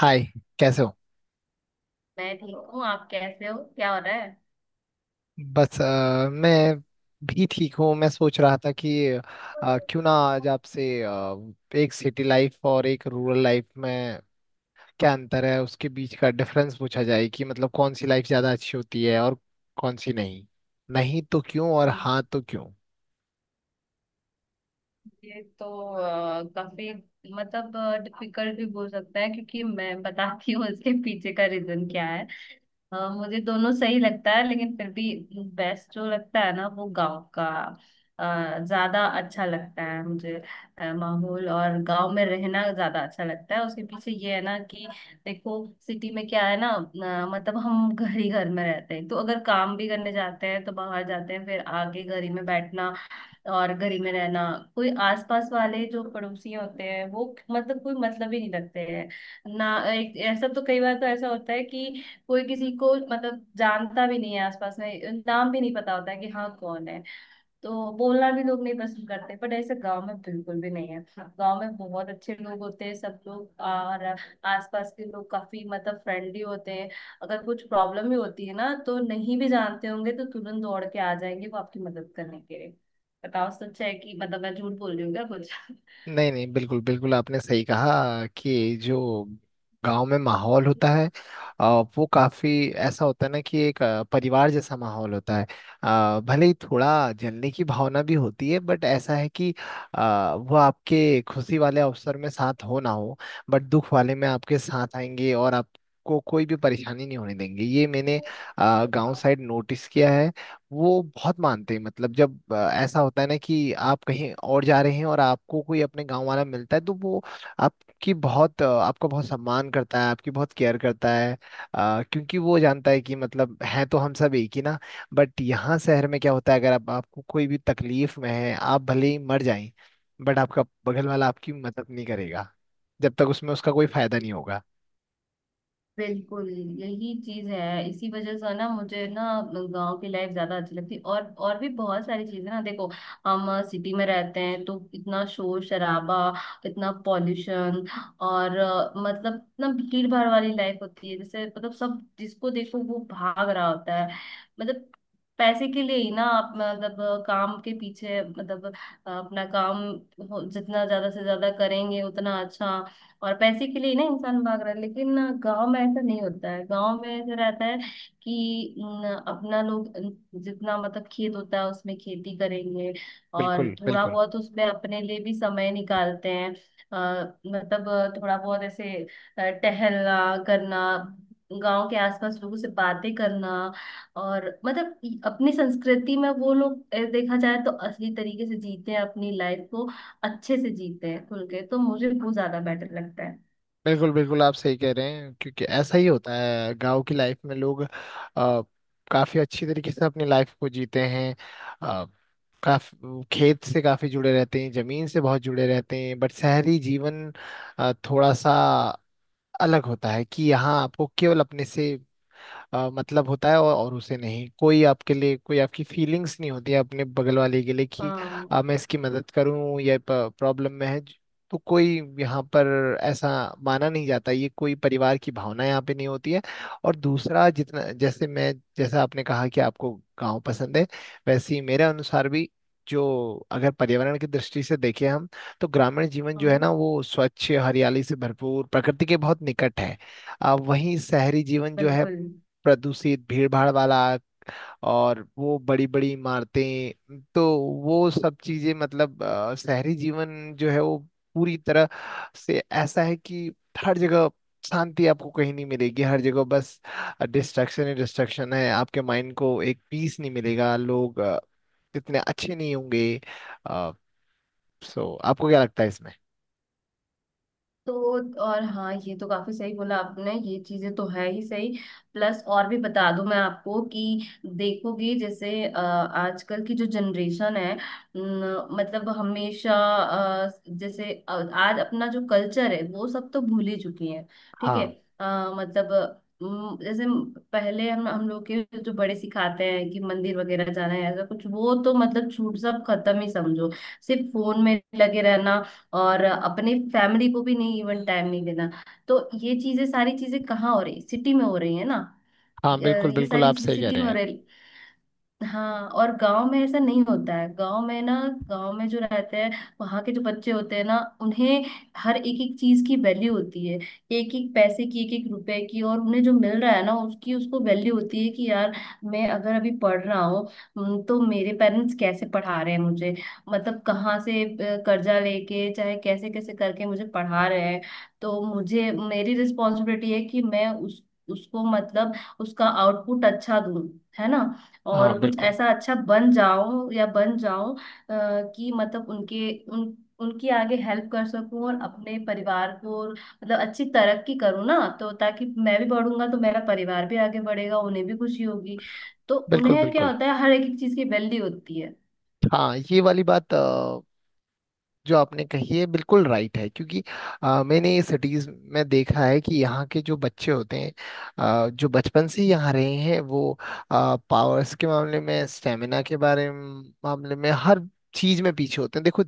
हाय। कैसे हो? मैं ठीक हूँ। आप कैसे हो? क्या हो रहा है? बस मैं भी ठीक हूँ। मैं सोच रहा था कि क्यों ना आज आपसे एक सिटी लाइफ और एक रूरल लाइफ में क्या अंतर है, उसके बीच का डिफरेंस पूछा जाए कि मतलब कौन सी लाइफ ज़्यादा अच्छी होती है और कौन सी नहीं। नहीं तो क्यों और हम्म, हाँ तो क्यों। ये तो काफी मतलब डिफिकल्ट भी बोल सकता है, क्योंकि मैं बताती हूँ इसके पीछे का रीजन क्या है। हाँ, मुझे दोनों सही लगता है, लेकिन फिर भी बेस्ट जो लगता है ना वो गांव का ज्यादा अच्छा लगता है मुझे। माहौल और गांव में रहना ज्यादा अच्छा लगता है। उसके पीछे ये है ना कि देखो, सिटी में क्या है ना, मतलब हम घर ही घर में रहते हैं, तो अगर काम भी करने जाते हैं तो बाहर जाते हैं, फिर आके घर ही में बैठना और घर ही में रहना। कोई आसपास वाले जो पड़ोसी होते हैं वो मतलब कोई मतलब ही नहीं रखते हैं ना। एक ऐसा तो कई बार तो ऐसा होता है कि कोई किसी को मतलब जानता भी नहीं है, आसपास में नाम भी नहीं पता होता है कि हाँ कौन है। तो बोलना भी लोग नहीं पसंद करते, बट ऐसे गांव में बिल्कुल भी नहीं है। गांव में बहुत अच्छे लोग होते हैं सब लोग, और आसपास के लोग काफी मतलब फ्रेंडली होते हैं। अगर कुछ प्रॉब्लम भी होती है ना, तो नहीं भी जानते होंगे तो तुरंत दौड़ के आ जाएंगे वो आपकी मदद करने के लिए। बताओ, सच है कि मतलब मैं झूठ बोल रही हूँ क्या कुछ? नहीं नहीं, बिल्कुल बिल्कुल, आपने सही कहा कि जो गांव में माहौल होता है अ, वो काफी ऐसा होता है ना कि एक परिवार जैसा माहौल होता है। भले ही थोड़ा जलने की भावना भी होती है बट ऐसा है कि वो आपके खुशी वाले अवसर में साथ हो ना हो बट दुख वाले में आपके साथ आएंगे और आपको कोई भी परेशानी नहीं होने देंगे। ये मैंने गांव साइड नोटिस किया है। वो बहुत मानते हैं, मतलब जब ऐसा होता है ना कि आप कहीं और जा रहे हैं और आपको कोई अपने गांव वाला मिलता है तो वो आपका बहुत सम्मान करता है, आपकी बहुत केयर करता है। क्योंकि वो जानता है कि मतलब है तो हम सब एक ही ना। बट यहाँ शहर में क्या होता है, अगर आप आपको कोई भी तकलीफ में है आप भले ही मर जाएं बट आपका बगल वाला आपकी मदद नहीं करेगा जब तक उसमें उसका कोई फायदा नहीं होगा। बिल्कुल, यही चीज है। इसी वजह से ना मुझे ना गांव की लाइफ ज्यादा अच्छी लगती। और भी बहुत सारी चीजें ना, देखो, हम सिटी में रहते हैं तो इतना शोर शराबा, इतना पॉल्यूशन, और मतलब इतना भीड़ भाड़ वाली लाइफ होती है। जैसे मतलब सब, जिसको देखो वो भाग रहा होता है मतलब पैसे के लिए ही ना। आप मतलब काम के पीछे मतलब अपना काम जितना ज्यादा से ज्यादा करेंगे उतना अच्छा। और पैसे के लिए ना इंसान भाग रहा है, लेकिन गांव में ऐसा नहीं होता है। गांव में ऐसा रहता है कि न, अपना लोग न, जितना मतलब खेत होता है उसमें खेती करेंगे और बिल्कुल थोड़ा बिल्कुल। बहुत उसमें अपने लिए भी समय निकालते हैं। मतलब थोड़ा बहुत ऐसे टहलना करना, गांव के आसपास लोगों से बातें करना। और मतलब अपनी संस्कृति में वो लोग देखा जाए तो असली तरीके से जीते हैं अपनी लाइफ को, अच्छे से जीते हैं, खुल के। तो मुझे वो ज्यादा बेटर लगता है। बिल्कुल बिल्कुल, आप सही कह रहे हैं, क्योंकि ऐसा ही होता है गांव की लाइफ में लोग काफी अच्छी तरीके से अपनी लाइफ को जीते हैं, अ, काफी खेत से काफी जुड़े रहते हैं, जमीन से बहुत जुड़े रहते हैं। बट शहरी जीवन थोड़ा सा अलग होता है कि यहाँ आपको केवल अपने से मतलब होता है और उसे नहीं, कोई आपके लिए कोई आपकी फीलिंग्स नहीं होती है अपने बगल वाले के लिए कि हाँ, मैं इसकी मदद करूं या प्रॉब्लम में है तो कोई यहाँ पर ऐसा माना नहीं जाता, ये कोई परिवार की भावना यहाँ पे नहीं होती है। और दूसरा, जितना जैसे मैं जैसा आपने कहा कि आपको गांव पसंद है, वैसे ही मेरे अनुसार भी, जो अगर पर्यावरण की दृष्टि से देखें हम तो ग्रामीण जीवन जो है हाँ, ना वो स्वच्छ, हरियाली से भरपूर, प्रकृति के बहुत निकट है। वहीं शहरी जीवन जो है बिल्कुल। प्रदूषित, भीड़भाड़ वाला, और वो बड़ी बड़ी इमारतें, तो वो सब चीजें, मतलब शहरी जीवन जो है वो पूरी तरह से ऐसा है कि हर जगह शांति आपको कहीं नहीं मिलेगी, हर जगह बस डिस्ट्रक्शन ही डिस्ट्रक्शन है। आपके माइंड को एक पीस नहीं मिलेगा, लोग इतने अच्छे नहीं होंगे। सो आपको क्या लगता है इसमें? तो और हाँ, ये तो काफी सही बोला आपने, ये चीजें तो है ही सही। प्लस और भी बता दूं मैं आपको कि देखोगे जैसे आजकल की जो जनरेशन है न, मतलब हमेशा जैसे आज अपना जो कल्चर है वो सब तो भूल ही चुकी है। ठीक है। हाँ। मतलब जैसे पहले हम लोग के जो बड़े सिखाते हैं कि मंदिर वगैरह जाना है, ऐसा कुछ वो तो मतलब छूट, सब खत्म ही समझो। सिर्फ फोन में लगे रहना और अपने फैमिली को भी नहीं, इवन टाइम नहीं देना। तो ये चीजें, सारी चीजें कहाँ हो रही? सिटी में हो रही है ना। हाँ बिल्कुल ये बिल्कुल, सारी आप चीजें सही कह सिटी रहे में हो हैं। रही। हाँ, और गांव में ऐसा नहीं होता है। गांव में ना, गांव में जो रहते हैं, वहां के जो बच्चे होते हैं ना, उन्हें हर एक एक चीज की वैल्यू होती है। एक एक पैसे की, एक एक रुपए की, और उन्हें जो मिल रहा है ना उसकी उसको वैल्यू होती है कि यार, मैं अगर अभी पढ़ रहा हूँ, तो मेरे पेरेंट्स कैसे पढ़ा रहे हैं मुझे, मतलब कहाँ से कर्जा लेके, चाहे कैसे कैसे करके मुझे पढ़ा रहे हैं। तो मुझे, मेरी रिस्पॉन्सिबिलिटी है कि मैं उस, उसको मतलब उसका आउटपुट अच्छा दूं, है ना। हाँ और कुछ बिल्कुल ऐसा अच्छा बन जाऊं या बन जाऊं कि मतलब उनके उन उनकी आगे हेल्प कर सकूं, और अपने परिवार को, और मतलब अच्छी तरक्की करूं ना, तो ताकि मैं भी बढ़ूंगा तो मेरा परिवार भी आगे बढ़ेगा, उन्हें भी खुशी होगी। तो बिल्कुल उन्हें क्या बिल्कुल। होता है, हर एक एक चीज की वैल्यू होती है। हाँ ये वाली बात जो आपने कही है बिल्कुल राइट है, क्योंकि मैंने ये सिटीज में देखा है कि यहाँ के जो बच्चे होते हैं, जो बचपन से ही यहाँ रहे हैं, वो पावर्स के मामले में, स्टेमिना के बारे में मामले में, हर चीज में पीछे होते हैं। देखो,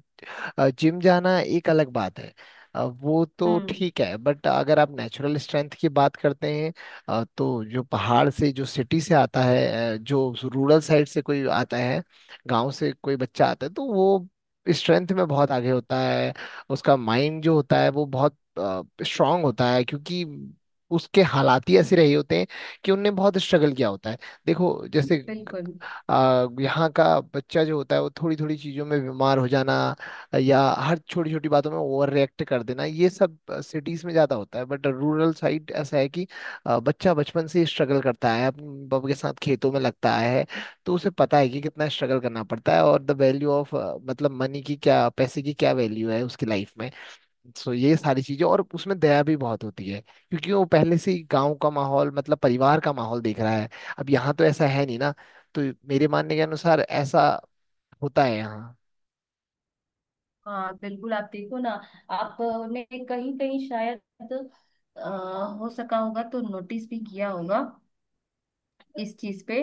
जिम जाना एक अलग बात है, वो तो हम्म, ठीक है, बट अगर आप नेचुरल स्ट्रेंथ की बात करते हैं, तो जो पहाड़ से जो सिटी से आता है, जो रूरल साइड से कोई आता है, गांव से कोई बच्चा आता है तो वो स्ट्रेंथ में बहुत आगे होता है। उसका माइंड जो होता है वो बहुत स्ट्रांग होता है, क्योंकि उसके हालात ही ऐसे रहे होते हैं कि उनने बहुत स्ट्रगल किया होता है। देखो जैसे, बिल्कुल। यहाँ का बच्चा जो होता है वो थोड़ी थोड़ी चीजों में बीमार हो जाना या हर छोटी छोटी बातों में ओवर रिएक्ट कर देना, ये सब सिटीज में ज्यादा होता है। बट रूरल साइड ऐसा है कि बच्चा बचपन से स्ट्रगल करता है, अपने बाप के साथ खेतों में लगता है, तो उसे पता है कि कितना स्ट्रगल करना पड़ता है और द वैल्यू ऑफ मतलब मनी की क्या, पैसे की क्या वैल्यू है उसकी लाइफ में। सो ये सारी चीजें, और उसमें दया भी बहुत होती है क्योंकि वो पहले से ही गांव का माहौल, मतलब परिवार का माहौल देख रहा है। अब यहाँ तो ऐसा है नहीं ना, तो मेरे मानने के अनुसार ऐसा होता है यहाँ। हाँ, बिल्कुल, आप देखो ना, आपने कहीं कहीं शायद अ, हो सका होगा तो नोटिस भी किया होगा इस चीज पे,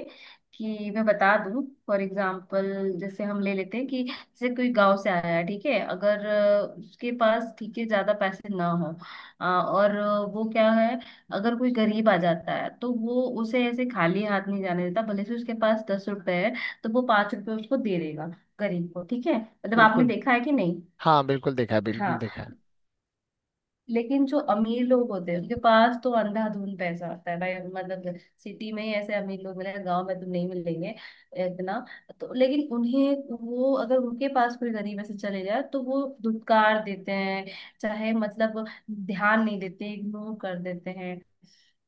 कि मैं बता दूं। फॉर एग्जाम्पल, जैसे हम ले लेते हैं कि जैसे कोई गांव से आया है, ठीक है, अगर उसके पास ठीक है ज्यादा पैसे ना हो, और वो क्या है, अगर कोई गरीब आ जाता है तो वो उसे ऐसे खाली हाथ नहीं जाने देता, भले से उसके पास 10 रुपए है तो वो 5 रुपए उसको दे देगा, गरीब को, ठीक है। मतलब आपने बिल्कुल। देखा है कि नहीं? हाँ बिल्कुल देखा है, बिल्कुल देखा हाँ। है। लेकिन जो अमीर लोग होते हैं उनके पास तो अंधाधुंध पैसा होता है भाई, मतलब सिटी में ही ऐसे अमीर लोग मिलेंगे, गांव में तो नहीं मिलेंगे इतना। तो लेकिन उन्हें वो, अगर उनके पास कोई गरीब ऐसे चले जाए तो वो धुतकार देते हैं, चाहे मतलब ध्यान नहीं देते, इग्नोर कर देते हैं।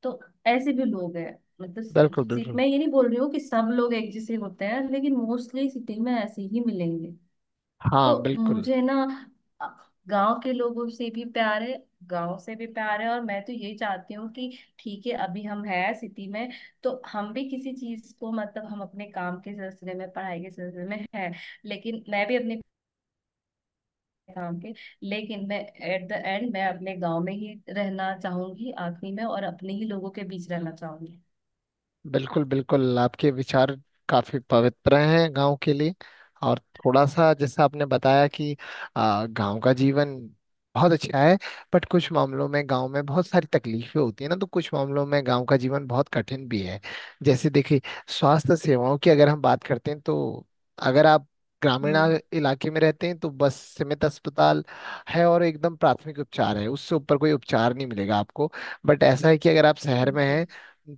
तो ऐसे भी लोग हैं मतलब। बिल्कुल सिटी बिल्कुल। मैं ये नहीं बोल रही हूँ कि सब लोग एक जैसे होते हैं, लेकिन मोस्टली सिटी में ऐसे ही मिलेंगे। हाँ तो बिल्कुल मुझे ना, गांव के लोगों से भी प्यार है, गांव से भी प्यार है, और मैं तो यही चाहती हूँ कि ठीक है, अभी हम है सिटी में तो हम भी किसी चीज को मतलब, हम अपने काम के सिलसिले में, पढ़ाई के सिलसिले में है, लेकिन मैं भी अपने काम के, लेकिन मैं एट द एंड, मैं अपने गांव में ही रहना चाहूंगी आखिरी में, और अपने ही लोगों के बीच रहना चाहूंगी। बिल्कुल। बिल्कुल, आपके विचार काफी पवित्र हैं गांव के लिए। और थोड़ा सा जैसा आपने बताया कि गांव का जीवन बहुत अच्छा है, बट कुछ मामलों में गांव में बहुत सारी तकलीफें होती है ना, तो कुछ मामलों में गांव का जीवन बहुत कठिन भी है। जैसे देखिए, स्वास्थ्य सेवाओं की अगर हम बात करते हैं तो अगर आप ग्रामीण हम्म, इलाके में रहते हैं तो बस सीमित अस्पताल है और एकदम प्राथमिक उपचार है, उससे ऊपर कोई उपचार नहीं मिलेगा आपको। बट ऐसा है कि अगर आप शहर में बिल्कुल। हैं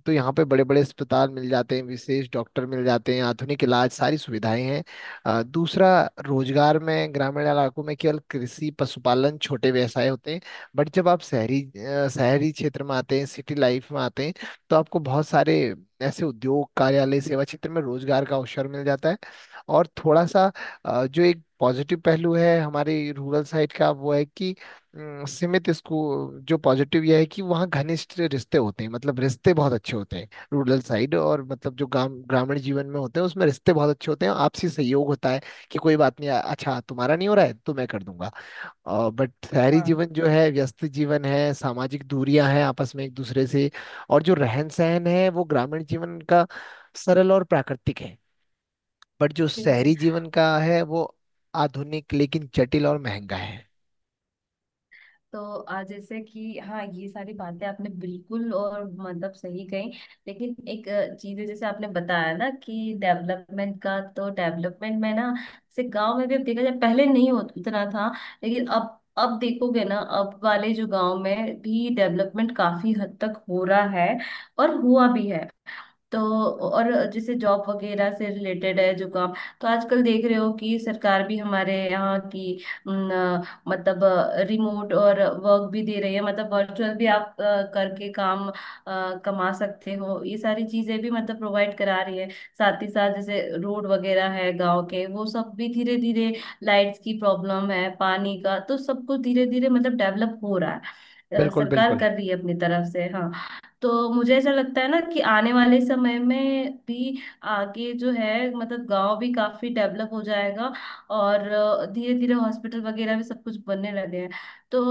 तो यहाँ पे बड़े बड़े अस्पताल मिल जाते हैं, विशेष डॉक्टर मिल जाते हैं, आधुनिक इलाज, सारी सुविधाएं हैं। दूसरा, रोजगार में ग्रामीण इलाकों में केवल कृषि, पशुपालन, छोटे व्यवसाय होते हैं। बट जब आप शहरी शहरी क्षेत्र में आते हैं, सिटी लाइफ में आते हैं, तो आपको बहुत सारे ऐसे उद्योग, कार्यालय, सेवा क्षेत्र में रोजगार का अवसर मिल जाता है। और थोड़ा सा जो एक पॉजिटिव पहलू है हमारे रूरल साइड का वो है कि सीमित इसको, जो पॉजिटिव यह है कि वहाँ घनिष्ठ रिश्ते होते हैं, मतलब रिश्ते बहुत अच्छे होते हैं रूरल साइड, और मतलब जो ग्राम ग्रामीण जीवन में होते हैं उसमें रिश्ते बहुत अच्छे होते हैं, आपसी सहयोग होता है कि कोई बात नहीं, अच्छा तुम्हारा नहीं हो रहा है तो मैं कर दूंगा। और बट शहरी हाँ, जीवन जो है व्यस्त जीवन है, सामाजिक दूरियां हैं आपस में एक दूसरे से। और जो रहन सहन है वो ग्रामीण जीवन का सरल और प्राकृतिक है, बट जो बिल्कुल। शहरी जीवन का है वो आधुनिक लेकिन जटिल और महंगा है। तो आज जैसे कि हाँ, ये सारी बातें आपने बिल्कुल और मतलब सही कही, लेकिन एक चीज है जैसे आपने बताया ना कि डेवलपमेंट का, तो डेवलपमेंट में ना, जैसे गांव में भी अब देखा जाए, पहले नहीं होता इतना था, लेकिन अब देखोगे ना, अब वाले जो गांव में भी डेवलपमेंट काफी हद तक हो रहा है, और हुआ भी है। तो और जैसे जॉब वगैरह से रिलेटेड है जो काम, तो आजकल देख रहे हो कि सरकार भी हमारे यहाँ की न, मतलब रिमोट और वर्क भी दे रही है, मतलब वर्चुअल भी आप करके काम कमा सकते हो, ये सारी चीजें भी मतलब प्रोवाइड करा रही है। साथ ही साथ जैसे रोड वगैरह है गांव के वो सब भी धीरे धीरे, लाइट्स की प्रॉब्लम है, पानी का, तो सब कुछ धीरे धीरे मतलब डेवलप हो रहा है, बिल्कुल सरकार बिल्कुल। कर रही है अपनी तरफ से। हाँ। तो मुझे ऐसा लगता है ना कि आने वाले समय में भी आगे जो है मतलब गांव भी काफी डेवलप हो जाएगा, और धीरे धीरे हॉस्पिटल वगैरह भी सब कुछ बनने लगे हैं। तो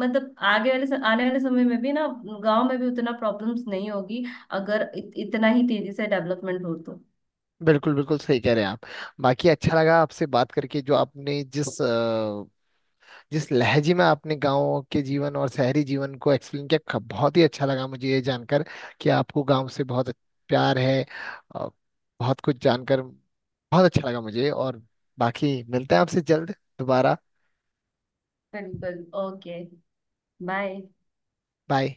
मतलब आगे वाले आने वाले समय में भी ना गांव में भी उतना प्रॉब्लम्स नहीं होगी, अगर इतना ही तेजी से डेवलपमेंट हो तो। बिल्कुल बिल्कुल, सही कह रहे हैं आप। बाकी अच्छा लगा आपसे बात करके, जो आपने जिस जिस लहजे में आपने गांव के जीवन और शहरी जीवन को एक्सप्लेन किया, बहुत ही अच्छा लगा मुझे ये जानकर कि आपको गांव से बहुत प्यार है। अ, बहुत कुछ जानकर बहुत अच्छा लगा मुझे, और बाकी मिलते हैं आपसे जल्द दोबारा। बिल्कुल, ओके। बाय। बाय।